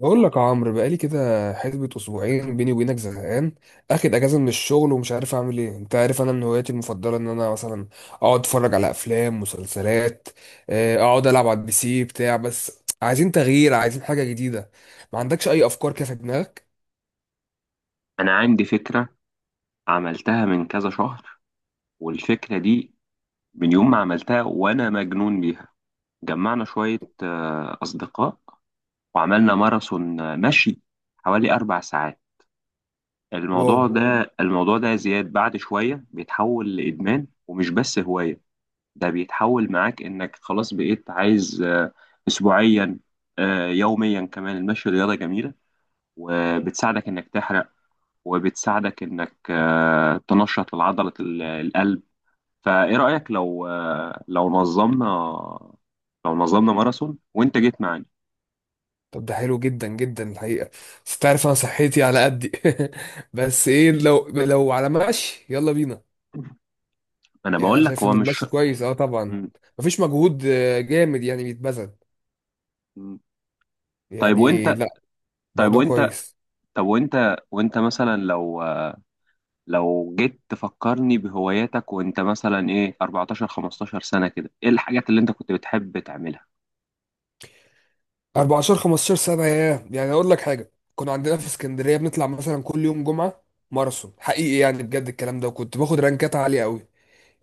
بقول لك يا عمرو، بقالي كده حسبة اسبوعين بيني وبينك زهقان. اخد اجازه من الشغل ومش عارف اعمل ايه. انت عارف انا من هواياتي المفضله ان انا مثلا اقعد اتفرج على افلام مسلسلات. اقعد العب على البي سي بتاع، بس عايزين تغيير، عايزين حاجه جديده. ما عندكش اي افكار كده في دماغك؟ أنا عندي فكرة، عملتها من كذا شهر. والفكرة دي من يوم ما عملتها وأنا مجنون بيها. جمعنا شوية أصدقاء، وعملنا ماراثون مشي حوالي أربع ساعات. واو. الموضوع ده الموضوع ده يا زياد، بعد شوية بيتحول لإدمان ومش بس هواية. ده بيتحول معاك إنك خلاص بقيت عايز أسبوعيا، يوميا كمان. المشي رياضة جميلة، وبتساعدك إنك تحرق، وبتساعدك انك تنشط لعضلة القلب. فايه رأيك لو نظمنا ماراثون وانت جيت معانا؟ طب ده حلو جدا جدا الحقيقه، بس تعرف انا صحتي على قدي. بس ايه، لو على مشي يلا بينا. انا يعني انا بقول لك شايف هو ان مش المشي كويس، اه طبعا، م- مفيش مجهود جامد يعني بيتبذل. م. طيب يعني وانت لا، طيب موضوع وانت كويس. طب وانت وانت مثلا لو جيت تفكرني بهواياتك. وانت مثلا ايه، 14 15 سنة كده، ايه الحاجات اللي انت كنت بتحب تعملها؟ 14 15 سنة، ياه، يعني اقول لك حاجة، كنا عندنا في اسكندرية بنطلع مثلا كل يوم جمعة ماراثون حقيقي، يعني بجد الكلام ده، وكنت باخد رانكات عالية قوي.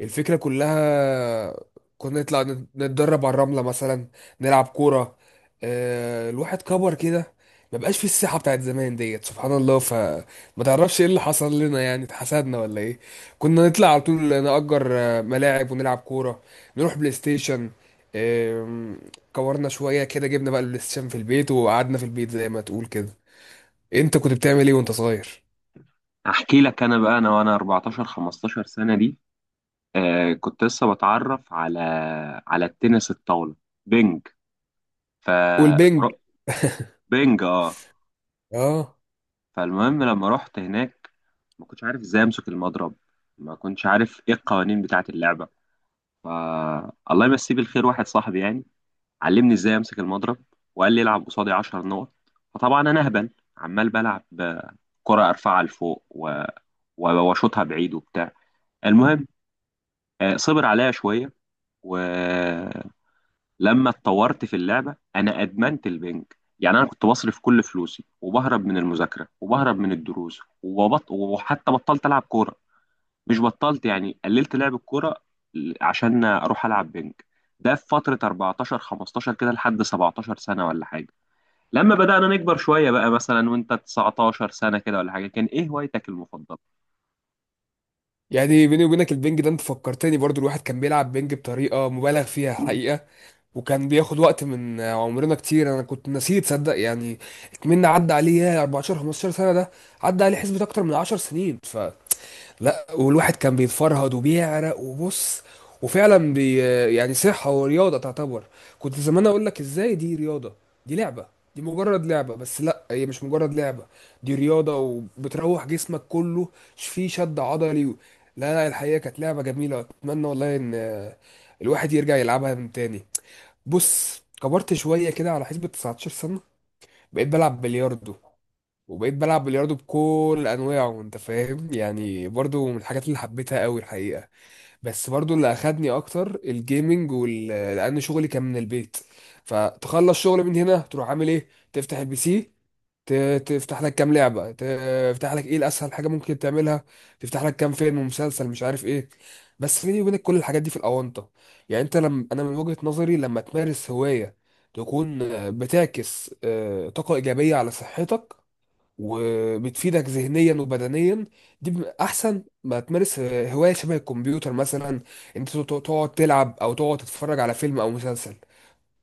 الفكرة كلها، كنا نطلع نتدرب على الرملة مثلا، نلعب كورة. الواحد كبر كده، ما بقاش في الصحة بتاعت زمان ديت، سبحان الله. فما تعرفش ايه اللي حصل لنا، يعني اتحسدنا ولا ايه؟ كنا نطلع على طول نأجر ملاعب ونلعب كورة، نروح بلاي ستيشن. آم، كورنا شوية كده، جبنا بقى البلاي ستيشن في البيت وقعدنا في البيت زي ما تقول كده. انت كنت بتعمل ايه وانت صغير؟ احكي لك انا بقى، انا وانا 14 15 سنة دي، كنت لسه بتعرف على التنس الطاولة، بينج ف والبنج، ر- بينج اه اه. فالمهم لما رحت هناك، ما كنتش عارف ازاي امسك المضرب، ما كنتش عارف ايه القوانين بتاعة اللعبة. ف الله يمسيه بالخير، واحد صاحبي يعني علمني ازاي امسك المضرب، وقال لي العب قصادي 10 نقط. فطبعا انا اهبل، عمال بلعب كرة، ارفعها لفوق واشوطها بعيد وبتاع. المهم، صبر عليا شوية، و لما اتطورت في اللعبه انا ادمنت البنك. يعني انا كنت بصرف كل فلوسي، وبهرب من المذاكره، وبهرب من الدروس، وحتى بطلت العب كوره. مش بطلت يعني، قللت لعب الكوره عشان اروح العب بنك. ده في فتره 14 15 كده لحد 17 سنه ولا حاجه. لما بدانا نكبر شويه بقى، مثلا وانت 19 سنه كده ولا حاجه، كان ايه هوايتك المفضله؟ يعني بيني وبينك البنج ده، انت فكرتني برضو، الواحد كان بيلعب بنج بطريقة مبالغ فيها حقيقة، وكان بياخد وقت من عمرنا كتير. انا كنت نسيت، تصدق يعني؟ اتمنى، عدى عليه يا 14 15 سنة ده، عدى عليه حسبة اكتر من 10 سنين. لا والواحد كان بيتفرهد وبيعرق وبص، وفعلا يعني صحة ورياضة تعتبر. كنت زمان اقول لك ازاي دي رياضة، دي لعبة، دي مجرد لعبة. بس لا، هي مش مجرد لعبة، دي رياضة، وبتروح جسمك كله. فيه شد عضلي لا لا، الحقيقة كانت لعبة جميلة، اتمنى والله ان الواحد يرجع يلعبها من تاني. بص، كبرت شوية كده على حسبة 19 سنة، بقيت بلعب بلياردو، وبقيت بلعب بلياردو بكل انواعه، انت فاهم يعني، برضو من الحاجات اللي حبيتها قوي الحقيقه. بس برضو اللي اخدني اكتر الجيمنج وال لان شغلي كان من البيت. فتخلص شغل من هنا، تروح عامل ايه؟ تفتح البي سي، تفتح لك كام لعبه، تفتح لك ايه، الاسهل حاجه ممكن تعملها، تفتح لك كام فيلم ومسلسل مش عارف ايه. بس بيني وبينك كل الحاجات دي في الاونطه. يعني انت لم... انا من وجهه نظري، لما تمارس هوايه، تكون بتعكس طاقه ايجابيه على صحتك، وبتفيدك ذهنيا وبدنيا. دي احسن ما تمارس هوايه شبه الكمبيوتر مثلا، انت تقعد تلعب، او تقعد تتفرج على فيلم او مسلسل.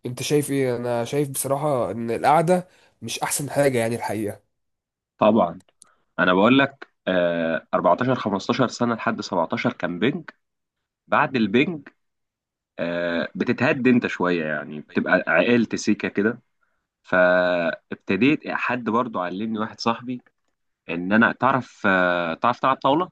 انت شايف ايه؟ انا شايف بصراحه ان القعده مش احسن حاجه يعني الحقيقه. طبعا. انا بقول لك، 14 15 سنه لحد 17 كان بنج. بعد البنج بتتهد انت شويه، يعني بتبقى عقلت سيكه كده. فابتديت، حد برضو علمني، واحد صاحبي، ان انا تعرف تلعب طاوله.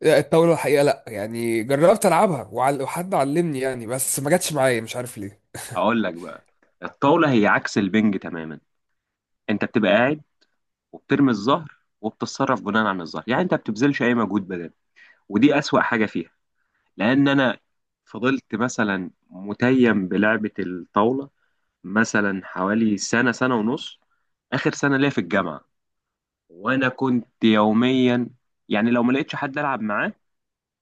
لا، الطاوله الحقيقه لا، يعني جربت العبها وحد علمني يعني، بس ما جاتش معايا مش عارف ليه. اقول لك بقى، الطاوله هي عكس البنج تماما. انت بتبقى قاعد، وبترمي الظهر، وبتتصرف بناء عن الظهر. يعني انت ما بتبذلش اي مجهود بدني، ودي اسوأ حاجه فيها. لان انا فضلت مثلا متيم بلعبه الطاوله، مثلا حوالي سنه سنه ونص، اخر سنه ليا في الجامعه. وانا كنت يوميا، يعني لو ما لقيتش حد العب معاه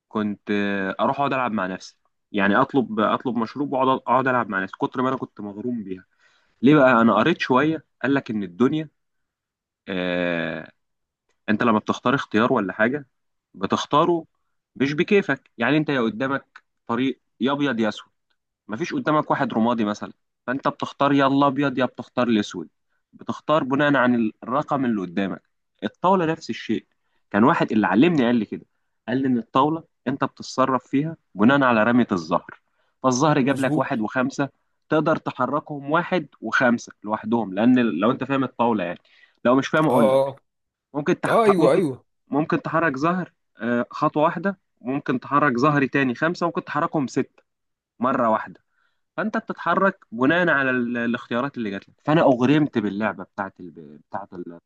كنت اروح اقعد العب مع نفسي. يعني اطلب مشروب واقعد العب مع نفسي، كتر ما انا كنت مغروم بيها. ليه بقى؟ انا قريت شويه، قال لك ان الدنيا، آه انت لما بتختار اختيار ولا حاجه، بتختاره مش بكيفك. يعني انت، يا قدامك طريق يا ابيض يا اسود، مفيش قدامك واحد رمادي مثلا. فانت بتختار، يا الابيض يا بتختار الاسود، بتختار بناء عن الرقم اللي قدامك. الطاوله نفس الشيء. كان واحد اللي علمني قال لي كده، قال لي ان الطاوله انت بتتصرف فيها بناء على رميه الزهر. فالزهر جاب لك واحد مظبوط. وخمسه، تقدر تحركهم واحد وخمسه لوحدهم. لان لو انت فاهم الطاوله يعني، لو مش فاهم اقول اه لك. اه. ممكن تح... اه تح- ايوه ممكن ايوه. ممكن تحرك زهر خطوه واحده، ممكن تحرك زهري تاني خمسه، ممكن تحركهم سته مره واحده. فانت بتتحرك بناء على الاختيارات اللي جات لك، فانا اغرمت باللعبه بتاعت بتاعت الطاوله.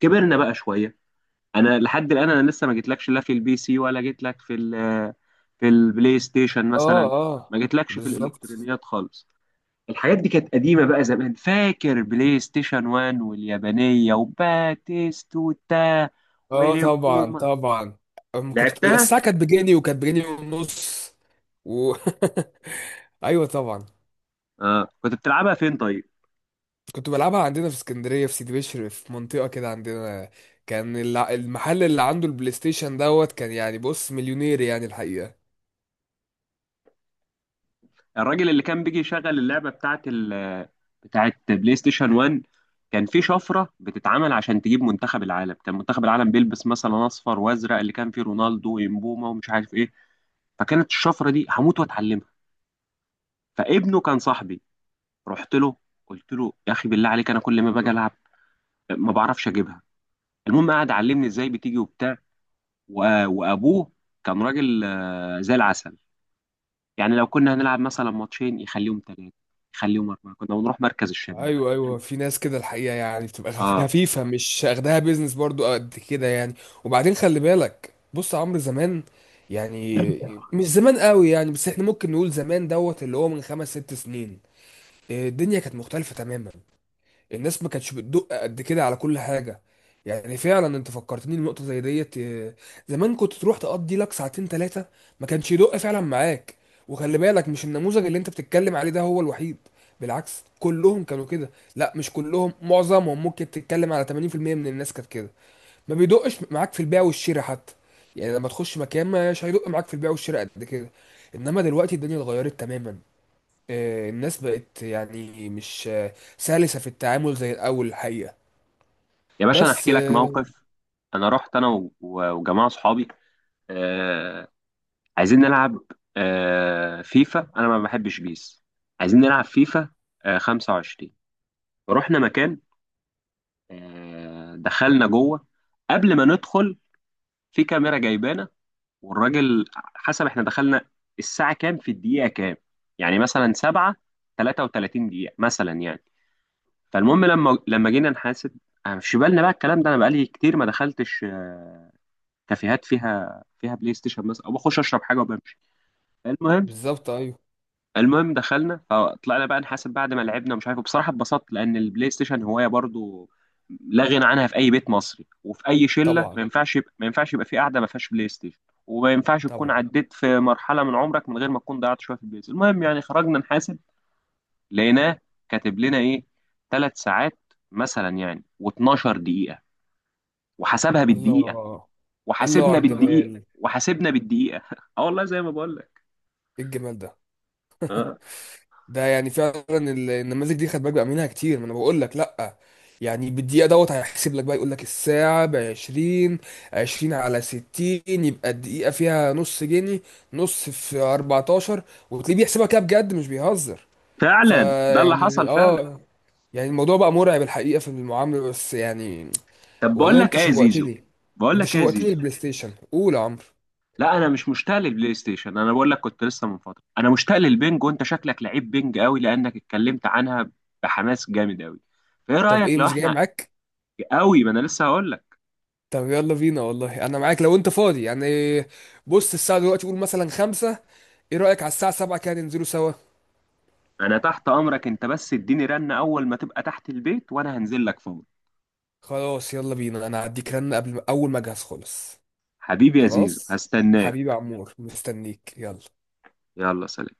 كبرنا بقى شويه. انا لحد الان، انا لسه ما جيتلكش لا في البي سي ولا جيتلك في في البلاي ستيشن اه مثلا، اه. ما جيتلكش في بالظبط. الالكترونيات خالص. الحاجات دي كانت قديمه بقى زمان، فاكر بلاي ستيشن 1 واليابانيه وباتيستوتا اه طبعا وبوما، طبعا. أم، كنت لعبتها. الساعة كانت بجنيه وكانت بجنيه ونص و... ايوه طبعا. اه كنت بتلعبها فين طيب؟ كنت بلعبها عندنا في اسكندرية في سيدي بشر في منطقة كده عندنا. كان المحل اللي عنده البلاي ستيشن دوت، كان يعني بص مليونير يعني الحقيقة. الراجل اللي كان بيجي يشغل اللعبه بتاعت بتاعت بلاي ستيشن 1، كان في شفره بتتعمل عشان تجيب منتخب العالم. كان منتخب العالم بيلبس مثلا اصفر وازرق، اللي كان فيه رونالدو ويمبوما ومش عارف ايه. فكانت الشفره دي هموت واتعلمها. فابنه كان صاحبي، رحت له قلت له يا اخي بالله عليك، انا كل ما باجي العب ما بعرفش اجيبها. المهم قعد علمني ازاي بتيجي وبتاع. وابوه كان راجل زي العسل. يعني لو كنا هنلعب مثلا ماتشين يخليهم ثلاثه، يخليهم اربعه، كنا بنروح مركز الشباب. ايوه ايوه، في ناس كده الحقيقة، يعني بتبقى اه خفيفة، مش اخدها بيزنس برضو قد كده يعني. وبعدين خلي بالك بص يا عمرو، زمان، يعني مش زمان قوي يعني، بس احنا ممكن نقول زمان دوت، اللي هو من خمس ست سنين، الدنيا كانت مختلفة تماما. الناس ما كانتش بتدق قد كده على كل حاجة. يعني فعلا انت فكرتني النقطة زي ديت، زمان كنت تروح تقضي لك ساعتين ثلاثة، ما كانش يدق فعلا معاك. وخلي بالك مش النموذج اللي انت بتتكلم عليه ده هو الوحيد، بالعكس كلهم كانوا كده. لا مش كلهم، معظمهم، ممكن تتكلم على 80% من الناس كانت كده. ما بيدقش معاك في البيع والشراء حتى، يعني لما تخش مكان مش هيدق معاك في البيع والشراء قد كده. انما دلوقتي الدنيا اتغيرت تماما. الناس بقت يعني مش سلسة في التعامل زي الأول الحقيقة. يا باشا، انا بس احكي لك موقف. انا رحت، انا وجماعه صحابي آه عايزين نلعب فيفا، انا ما بحبش بيس، عايزين نلعب فيفا 25. رحنا مكان، دخلنا جوه. قبل ما ندخل، في كاميرا جايبانا، والراجل حسب احنا دخلنا الساعه كام في الدقيقه كام، يعني مثلا 7 33 دقيقه مثلا يعني. فالمهم لما جينا نحاسب. أنا مش في بالنا بقى الكلام ده، انا بقالي كتير ما دخلتش كافيهات فيها بلاي ستيشن مثلا، او بخش اشرب حاجه وبمشي. المهم بالظبط أيوه. المهم دخلنا، فطلعنا بقى نحاسب بعد ما لعبنا. مش عارف بصراحه اتبسطت، لان البلاي ستيشن هوايه برضو لا غنى عنها في اي بيت مصري وفي اي شله. ما طبعا ينفعش يبقى، في قاعده ما فيهاش بلاي ستيشن. وما ينفعش تكون طبعا. عديت في مرحله من عمرك من غير ما تكون ضيعت شويه في البلاي ستيشن. المهم يعني خرجنا نحاسب، لقيناه كاتب لنا ايه، ثلاث ساعات مثلا يعني و12 دقيقة، وحسبها بالدقيقة، الله. الله وحاسبنا على بالدقيقة، الجمال. وحاسبنا بالدقيقة. اه والله زي ما بقول لك. إيه الجمال ده! اه ده يعني فعلا النماذج دي خد بالك بقى منها كتير، ما أنا بقول لك. لأ يعني بالدقيقة دوت هيحسب لك بقى، يقول لك الساعة ب 20، 20 على 60، يبقى الدقيقة فيها نص جنيه، نص في 14، وتلاقيه بيحسبها كده بجد مش بيهزر. فعلا، ده اللي حصل فيعني فعلا. اه، يعني الموضوع بقى مرعب الحقيقة في المعاملة بس يعني. طب بقول والله لك انت ايه يا زيزو، شوقتني، بقول انت لك ايه يا شوقتني. زيزو، البلاي ستيشن؟ قول يا عمرو. لا انا مش مشتاق للبلاي ستيشن. انا بقول لك، كنت لسه من فترة انا مشتاق للبنج، وانت شكلك لعيب بنج قوي لانك اتكلمت عنها بحماس جامد قوي. فايه طب رأيك ايه، لو مش جاي احنا، معاك؟ قوي، ما انا لسه هقول. طب يلا بينا، والله انا معاك لو انت فاضي يعني. بص الساعة دلوقتي قول مثلا خمسة، ايه رأيك على الساعة سبعة كده ننزلوا سوا. انا تحت امرك انت، بس اديني رنة اول ما تبقى تحت البيت وانا هنزل لك فور. خلاص يلا بينا، انا هديك رن قبل ما- اول ما اجهز خالص. حبيبي يا زيزو، خلاص، حبيبي يا هستناك. عمور، مستنيك، يلا. يلا سلام.